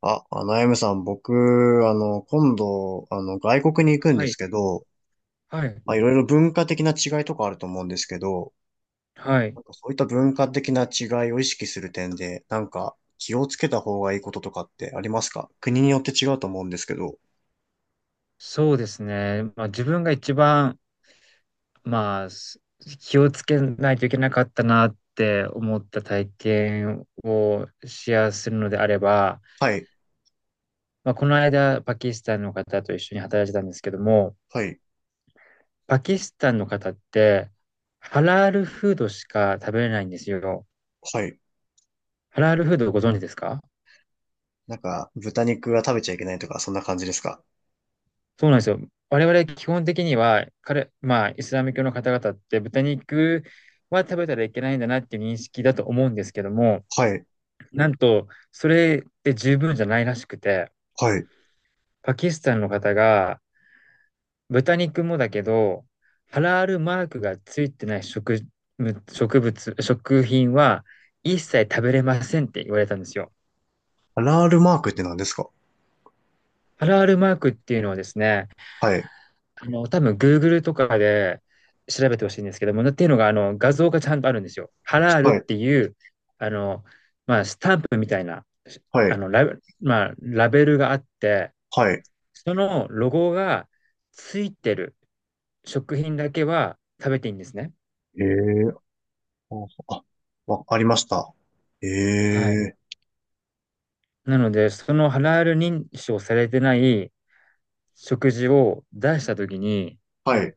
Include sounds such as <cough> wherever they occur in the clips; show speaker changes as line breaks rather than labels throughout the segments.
あ、あやむさん、僕、今度、外国に行くん
は
です
い、
けど、
はい、
まあ、いろいろ文化的な違いとかあると思うんですけど、
はい。
なんかそういった文化的な違いを意識する点で、なんか気をつけた方がいいこととかってありますか？国によって違うと思うんですけど。
そうですね。まあ自分が一番、まあ気をつけないといけなかったなって思った体験をシェアするのであれば、
はい、
まあこの間パキスタンの方と一緒に働いてたんですけども、
はい、
パキスタンの方ってハラールフードしか食べれないんですよ。
はい。
ハラールフードご存知ですか？
なんか、豚肉は食べちゃいけないとか、そんな感じですか？
そうなんですよ。我々基本的には、まあ、イスラム教の方々って豚肉は食べたらいけないんだなっていう認識だと思うんですけども、
はい、
なんと、それで十分じゃないらしくて、
はい。
パキスタンの方が豚肉もだけど、ハラールマークがついてない食、植物、食品は一切食べれませんって言われたんですよ。
ハラールマークって何ですか？
ハラールマークっていうのはですね、
はい、
多分 Google とかで調べてほしいんですけども、っていうのが、画像がちゃんとあるんですよ。ハラールっ
はい、
ていう、あの、まあ、スタンプみたいな、
は
あ
い、
の、ラベ、まあ、ラベルがあって、
はい。
そのロゴがついてる食品だけは食べていいんですね。
ええー、あ、あ、わありました。え
はい。
え。
なので、そのハラール認証されてない食事を出したときに、
はい、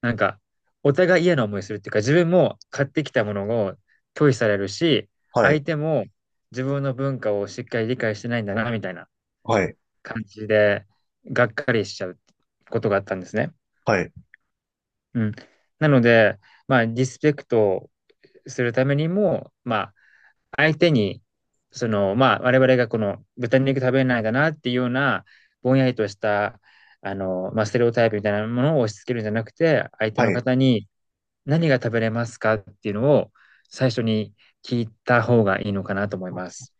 なんか、お互い嫌な思いするっていうか、自分も買ってきたものを拒否されるし、
は
相
い、
手も自分の文化をしっかり理解してないんだな、みたいな
はい、
感じで、がっかりしちゃうことがあったんですね。
はい、
うん。なので、まあ、リスペクトするためにも、まあ、相手に、その、まあ、我々がこの豚肉食べないんだなっていうような、ぼんやりとした、まあ、ステレオタイプみたいなものを押し付けるんじゃなくて、相手
は
の
い。
方に、何が食べれますかっていうのを最初に聞いた方がいいのかなと思います。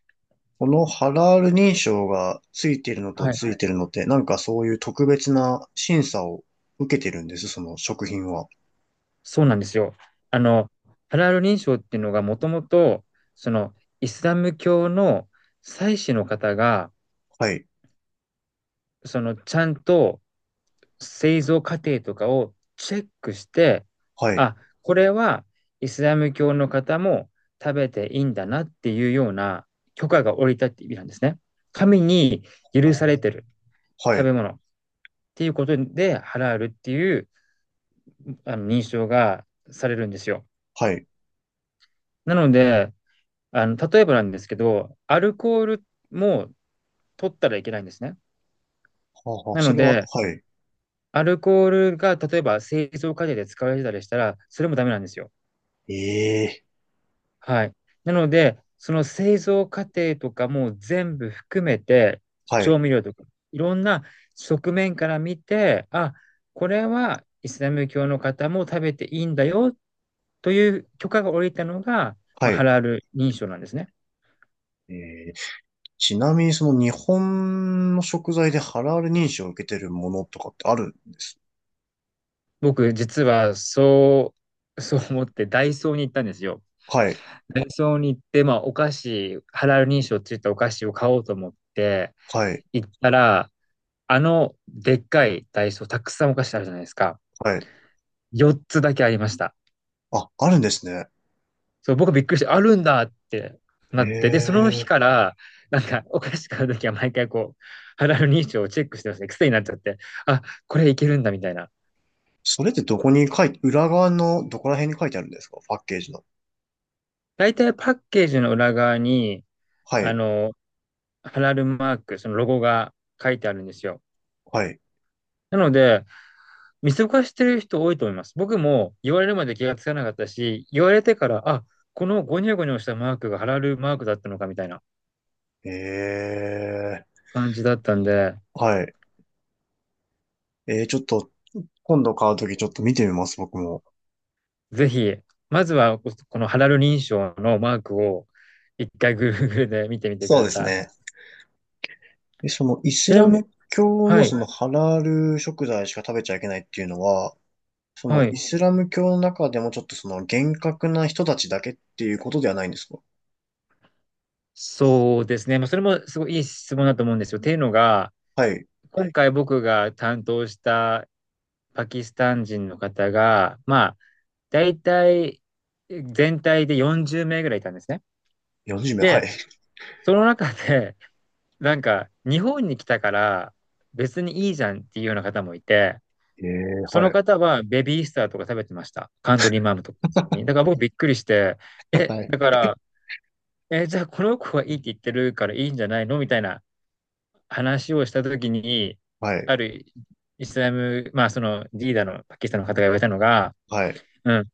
このハラール認証がついてるのと
はい。
ついてるのって、なんかそういう特別な審査を受けてるんです、その食品は。
そうなんですよ。あの、ハラール認証っていうのがもともと、そのイスラム教の祭司の方が、
はい、
そのちゃんと製造過程とかをチェックして、
はい。
あ、これはイスラム教の方も食べていいんだなっていうような許可が下りたって意味なんですね。神に
あ
許され
ー、
てる
は
食
い、
べ物。っていうことで、ハラールっていうあの認証がされるんですよ。
はい。
なので、例えばなんですけど、アルコールも取ったらいけないんですね。
はあはあ、
な
そ
の
れは、
で、
はい。
アルコールが例えば製造過程で使われてたりしたら、それもダメなんですよ。
ええ。
はい。なので、その製造過程とかも全部含めて、
はい、
調味料とか、いろんな側面から見て、あ、これはイスラム教の方も食べていいんだよという許可が下りたのが、まあ、
は
ハ
い。
ラール認証なんですね。
えー、ちなみにその日本の食材でハラール認証を受けてるものとかってあるんです？
僕、実はそう、<laughs> そう思ってダイソーに行ったんですよ。
はい、
ダイソーに行って、まあ、お菓子、ハラール認証って言ったお菓子を買おうと思って
はい、
行ったら、でっかいダイソー、たくさんお菓子あるじゃないですか。
はい。
4つだけありました。
あ、あるんですね。
そう、僕びっくりして、あるんだって
へ
なって、で、その日
え。
から、なんか、お菓子買うときは毎回こう、肌の認証をチェックしてますね。癖になっちゃって、あ、これいけるんだ、みたいな。
それってどこに書いて、裏側のどこら辺に書いてあるんですか？パッケージの。
大体パッケージの裏側に、
は
あ
い、
の、ハラルマーク、そのロゴが書いてあるんですよ。
はい。
なので、見過ごしてる人多いと思います。僕も言われるまで気がつかなかったし、言われてから、あ、このゴニョゴニョしたマークがハラルマークだったのかみたいな
ええ、
感じだったんで、
はい。えー、ちょっと、今度買うときちょっと見てみます、僕も。
ぜひ、まずはこのハラル認証のマークを一回 Google で見てみてく
そう
だ
です
さ
ね。
い。
え、イ
ち
ス
な
ラ
みに、
ム教
は
の
い、
そのハラール食材しか食べちゃいけないっていうのは、
は
イ
い。
スラム教の中でもちょっと厳格な人たちだけっていうことではないんですか？
そうですね。まあ、それもすごいいい質問だと思うんですよ。っていうのが、
はい。
今回僕が担当したパキスタン人の方が、まあ、大体全体で40名ぐらいいたんですね。
40名、は
で、
い。
その中で、なんか日本に来たから別にいいじゃんっていうような方もいて、
ええ、
そ
は
の
い。
方はベビースターとか食べてました。カントリーマームとか普通に。だから僕びっくりして、
<laughs>
え、
はい。
だから、え、じゃあこの子はいいって言ってるからいいんじゃないのみたいな話をしたときに、
はい。
あるイスラム、まあそのリーダーのパキスタンの方が言われたのが、
はい。
うん、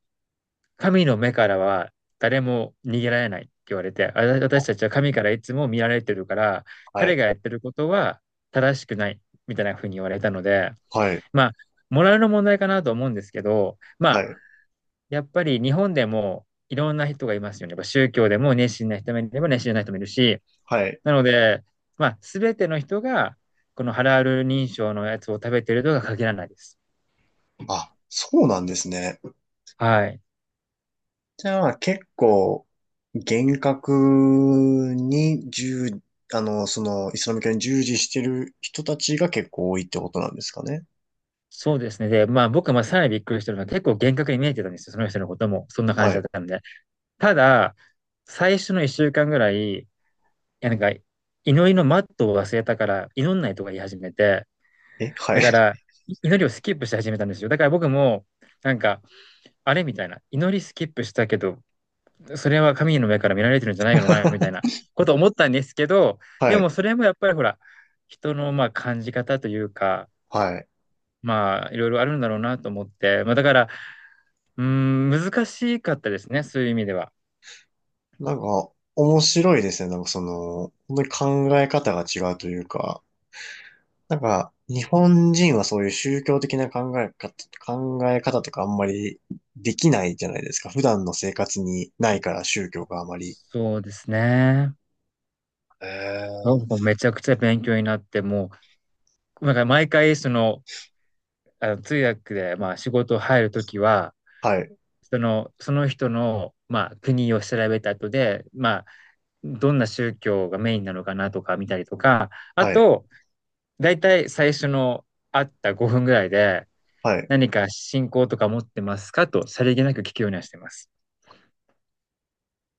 神の目からは誰も逃げられないって言われて、あ、
あ、
私たちは神からいつも見られてるから、
は
彼が
い。
やってることは正しくないみたいなふうに言われたので、
はい。
まあ、モラルの問題かなと思うんですけど、
は
ま
い。
やっぱり日本でもいろんな人がいますよね。やっぱ宗教でも熱心な人もいれば熱心じゃない人もいるし、
はい。
なので、まあ、すべての人が、このハラール認証のやつを食べてるとは限らないです。
あ、そうなんですね。
はい。
じゃあ結構厳格に従、そのイスラム教に従事してる人たちが結構多いってことなんですかね。
そうですね。で、まあ、僕もさらにびっくりしたのは、結構厳格に見えてたんですよ。その人のことも。そんな感じ
は
だ
い。
ったんで。ただ、最初の一週間ぐらい、いやなんか、祈りのマットを忘れたから、祈んないとか言い始めて、
え、はい。
だから、祈りをスキップし始めたんですよ。だから僕も、なんか、あれみたいな。祈りスキップしたけど、それは神の目から見られてるんじゃないのかなみたいな
<laughs>
こと思ったんですけど、
は
でも
い。
それもやっぱりほら、人のまあ感じ方というか、
はい。
まあいろいろあるんだろうなと思って、まあだから、うーん、難しかったですね、そういう意味では。
なんか面白いですね。なんかその、本当に考え方が違うというか、なんか日本人はそういう宗教的な考え方、考え方とかあんまりできないじゃないですか。普段の生活にないから宗教があまり。
そうですね。な
え、
んかめちゃくちゃ勉強になって、もう、なんか毎回その、あの通訳でまあ仕事入るときは、
はい、
その人の、まあ、国を調べた後で、まどんな宗教がメインなのかなとか見たりとか、あ
はい、
と、だいたい最初の会った5分ぐらいで、
はい。
何か信仰とか持ってますかと、さりげなく聞くようにはしてます。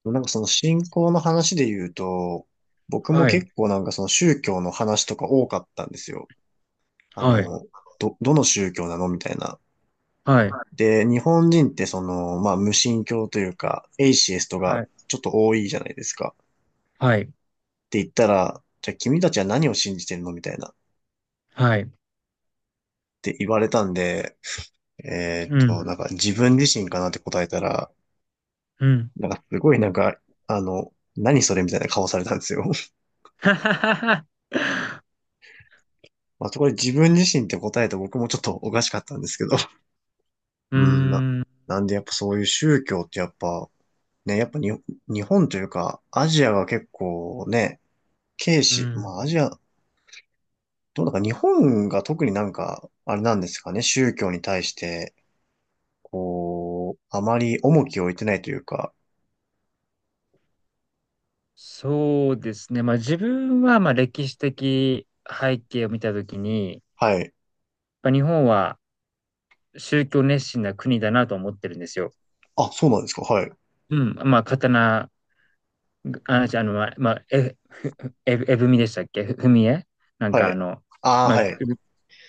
なんかその信仰の話で言うと、僕も
はい、
結構なんかその宗教の話とか多かったんですよ。あ
はい、
の、ど、どの宗教なのみたいな。
はい、
で、日本人ってその、まあ無神教というか、エイシエストが
はい、
ちょっと多いじゃないですか。っ
はい、
て言ったら、じゃあ君たちは何を信じてるのみたいな。っ
はい、
て言われたんで、
うん、
なんか自分自身かなって答えたら、
うん。
なんかすごいなんか、何それみたいな顔されたんですよ。
<laughs> はははは
まあ、そこで自分自身って答えて僕もちょっとおかしかったんですけど。<laughs>
うー
うん、な、
ん、
なんでやっぱそういう宗教ってやっぱ、ね、やっぱに、日本というか、アジアが結構ね、軽
う
視、ま
ん。
あアジア、どうなんか日本が特になんか、あれなんですかね、宗教に対して、こう、あまり重きを置いてないというか、
そうですね。まあ自分は、まあ歴史的背景を見たときに、やっ
はい。
ぱ日本は宗教熱心な国だなと思ってるんですよ。
あ、そうなんですか、はい。
うん、まあ、刀あの、じあの、ま、ま、え、え、<laughs> えぶみでしたっけふふみえなん
は
か
い。ああ、
まあ、
はい。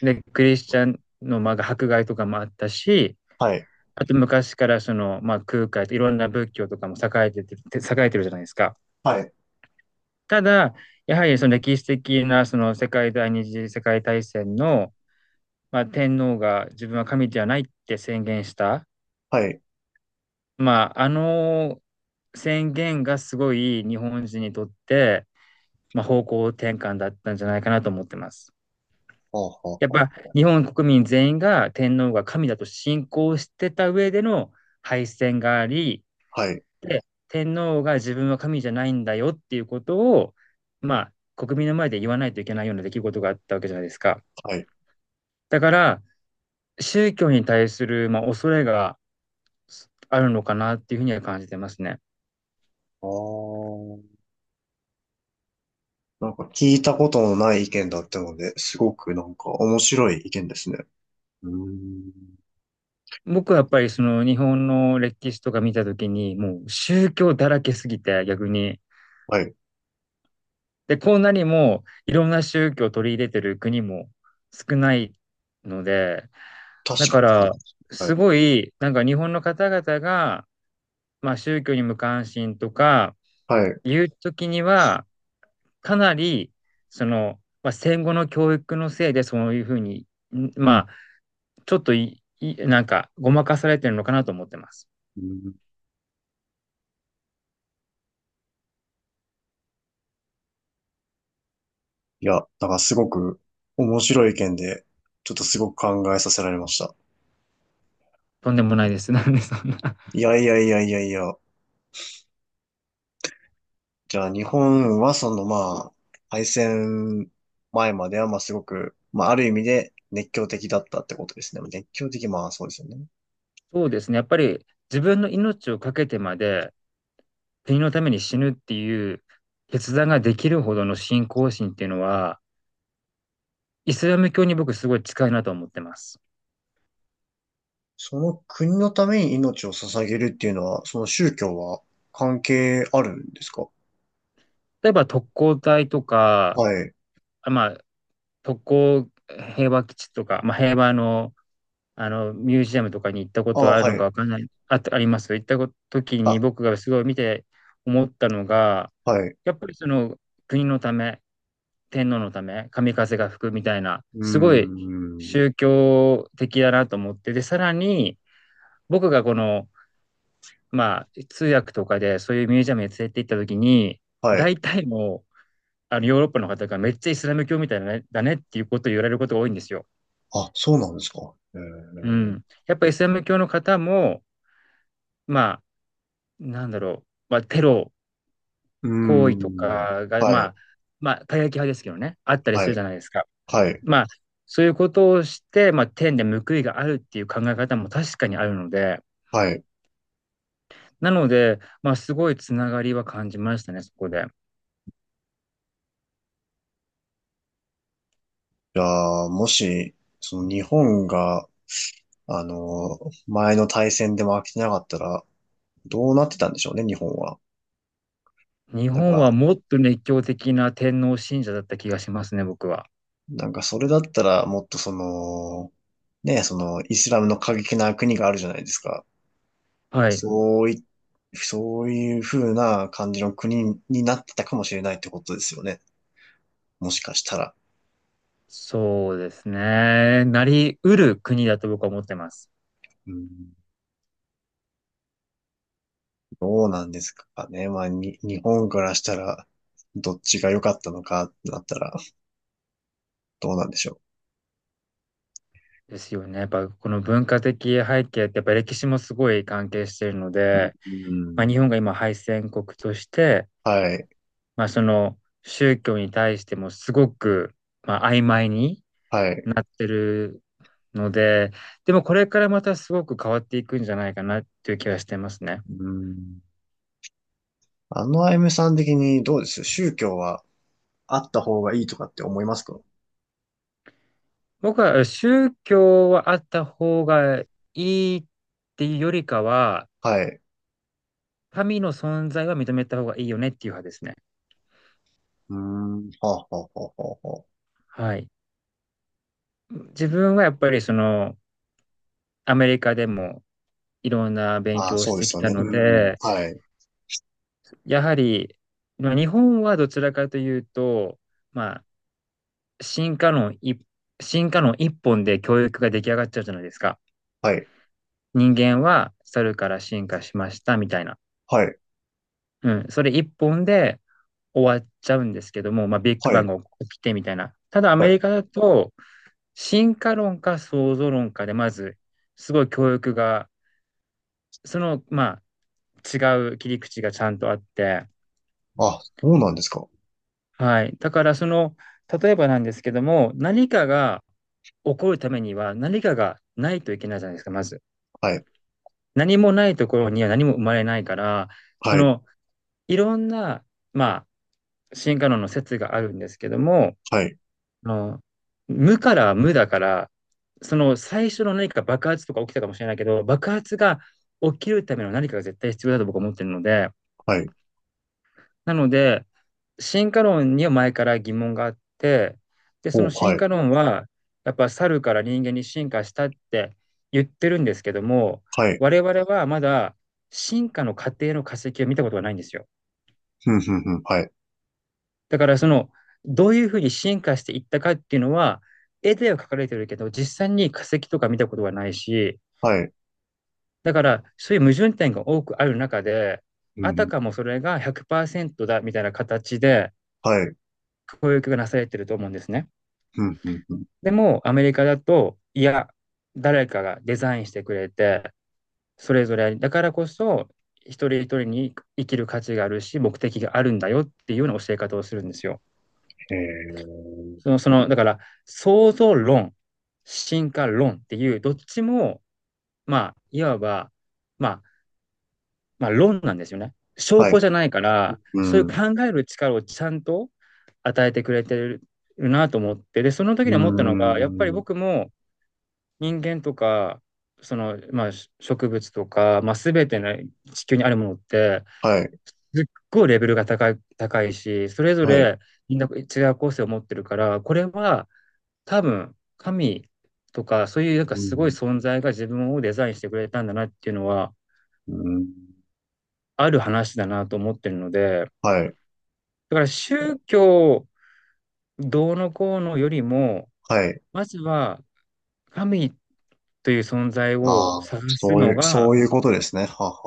で、クリスチャンの、まあ、迫害とかもあったし、
はい。
あと昔からその、まあ、空海といろんな仏教とかも栄えてて、<laughs> 栄えてるじゃないですか。
はい。
ただ、やはりその歴史的なその世界第二次世界大戦の、まあ、天皇が自分は神ではないって宣言した、
はい。
まあ、あの宣言がすごい日本人にとってまあ、方向転換だったんじゃないかなと思ってます。
あ
やっ
あ、
ぱ日本国民全員が天皇が神だと信仰してた上での敗戦があり、
はい。はい。
で、天皇が自分は神じゃないんだよっていうことを、ま国民の前で言わないといけないような出来事があったわけじゃないですか。
はい。
だから、宗教に対する、恐れがあるのかなっていうふうには感じてますね。
ああ。なんか聞いたことのない意見だったので、すごくなんか面白い意見ですね。うーん。
僕はやっぱりその日本の歴史とか見たときに、もう宗教だらけすぎて逆に、
はい。
で、こんなにもいろんな宗教を取り入れてる国も少ないので、
確
だか
かにそう
ら、
です
す
ね。
ごい、なんか日本の方々が、宗教に無関心とか
はい。はい。う
いう時には、かなり、その、戦後の教育のせいでそういうふうに、まあ、ちょっとなんか、ごまかされてるのかなと思ってます。
ん。いや、なんからすごく面白い意見で、ちょっとすごく考えさせられました。
とんでもないです。なんでそんな。
いやいやいやいやいや。じゃあ日本はそのまあ、敗戦前まではまあすごく、まあある意味で熱狂的だったってことですね。熱狂的、まあそうですよね。
そうですね。やっぱり自分の命をかけてまで、国のために死ぬっていう決断ができるほどの信仰心っていうのは、イスラム教に僕すごい近いなと思ってます。
その国のために命を捧げるっていうのは、その宗教は関係あるんですか？
例えば特攻隊と
は
か、
い。
あまあ、特攻平和基地とか、平和の、あのミュージアムとかに行ったこ
あ、
とはある
は
のか
い。
わかんない、あ、あります行ったこ時に
あ、
僕がすごい見て思ったのが、
はい。う
やっぱりその国のため、天皇のため、神風が吹くみたいな、
ー
すごい
ん。
宗教的だなと思って、で、さらに、僕がこの、通訳とかでそういうミュージアムに連れて行った時に、
はい。
大体の、あのヨーロッパの方がめっちゃイスラム教みたいだねだねっていうことを言われることが多いんですよ。
あ、そうなんですか。え
う
ー、
ん。やっぱイスラム教の方も、まあ、なんだろう、テロ
うー
行為と
ん。
かが、
はい。
過激派ですけどね、あったりす
は
るじ
い。
ゃないですか。
はい。
まあ、そういうことをして、天で報いがあるっていう考え方も確かにあるので、
はい。
なので、すごいつながりは感じましたね、そこで。
じゃあ、もし、その日本が、あの、前の大戦で負けてなかったら、どうなってたんでしょうね、日本は。
日
なん
本は
か、
もっと熱狂的な天皇信者だった気がしますね、僕は。
なんかそれだったらもっとその、ね、そのイスラムの過激な国があるじゃないですか。
はい。
そうい、そういう風な感じの国になってたかもしれないってことですよね。もしかしたら。
そうですね。なりうる国だと僕は思ってます。
うん、どうなんですかね。まあ、に、日本からしたら、どっちが良かったのかってなったら、どうなんでしょ
ですよね。やっぱこの文化的背景ってやっぱ歴史もすごい関係しているの
う。
で、
うん、
日本が今敗戦国として、
はい、
その宗教に対してもすごく、曖昧に
はい。
なってるので、でもこれからまたすごく変わっていくんじゃないかなっていう気がしてますね。
うん、あのあゆむさん的にどうです？宗教はあった方がいいとかって思いますか？
僕は宗教はあった方がいいっていうよりかは、
はい。
神の存在は認めた方がいいよねっていう派ですね。
うーん。はあ、はあ、はあ、はあ。は
はい。自分はやっぱりその、アメリカでもいろんな勉
あ、あー、
強を
そ
し
うで
て
す
き
よ
た
ね。
の
うん。
で、
はい。
やはり、日本はどちらかというと、まあ、進化論一、進化論一本で教育が出来上がっちゃうじゃないですか。
はい。
人間は猿から進化しましたみたいな。
はい。
うん、それ一本で終わっちゃうんですけども、ビッグ
は
バン
い。
が起きてみたいな。ただア
は
メリカ
い。
だと、進化論か創造論かで、まず、すごい教育が、その、違う切り口がちゃんとあって、
あ、そうなんですか。
はい。だから、その、例えばなんですけども、何かが起こるためには、何かがないといけないじゃないですか、まず。
はい。
何もないところには何も生まれないから、そ
はい。
の、いろんな、まあ、進化論の説があるんですけども、
はい。
あの、無から無だから、その最初の何か爆発とか起きたかもしれないけど、爆発が起きるための何かが絶対必要だと僕は思ってるので、
はい。
なので、進化論には前から疑問があって、で、そ
お、
の
は
進
い。
化論は、やっぱ猿から人間に進化したって言ってるんですけども、
はい。
我々はまだ進化の過程の化石を見たことがないんですよ。
ふんふんふん。はい。
だからその、どういうふうに進化していったかっていうのは、絵では描かれてるけど、実際に化石とか見たことはないし、
はい。
だからそういう矛盾点が多くある中で、
う
あた
ん。
かもそれが100%だみたいな形で
はい。
教育がなされてると思うんですね。
ふんふんふん。
でもアメリカだと、いや、誰かがデザインしてくれて、それぞれだからこそ一人一人に生きる価値があるし、目的があるんだよっていうような教え方をするんですよ。
へえ。
だから、創造論、進化論っていう、どっちも、まあ、いわば、まあ、まあ、論なんですよね。証
は
拠
い。
じゃないから、
う
そうい
ん。
う
う
考える力をちゃんと与えてくれてるなと思って、で、その
ー
時に思ったのが、やっぱり
ん。
僕も人間とか、その、植物とか、全ての地球にあるものって、
はい。
すっごいレベルが高い、高いし、それぞ
はい。
れみんな違う個性を持ってるから、これは多分、神とか、そういうなんか
う
すごい
ん。
存在が自分をデザインしてくれたんだなっていうのは、
うん。
ある話だなと思ってるので、
はい。
だから宗教どうのこうのよりも、
はい。
まずは神という存在を
ああ、
探す
そう
の
いう、
が、
そういうことですね。はあは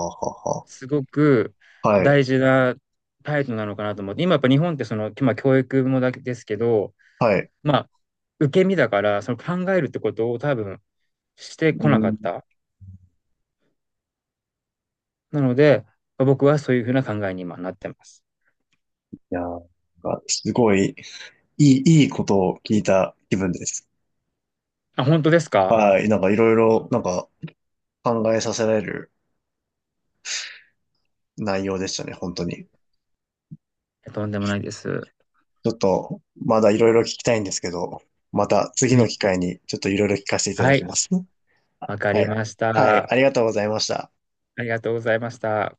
あは
すごく
あはあ。はい。
大事な態度なのかなと思って、今やっぱ日本ってその、今教育もだけですけど、
はい。
まあ、受け身だから、その考えるってことを多分してこ
う
な
ん。
かっ
い
た。なので、僕はそういうふうな考えに今なってます。
やー、なんかすごい、いい、いいことを聞いた気分です。
あ、本当ですか。
はい。なんかいろいろ、なんか考えさせられる内容でしたね、本当に。
とんでもないです。は
ちょっと、まだいろいろ聞きたいんですけど、また次の機
い。
会にちょっといろいろ聞かせていただ
は
き
い。
ます。
わ
<laughs>
か
は
り
い。
まし
は
た。
い。
あ
ありがとうございました。
りがとうございました。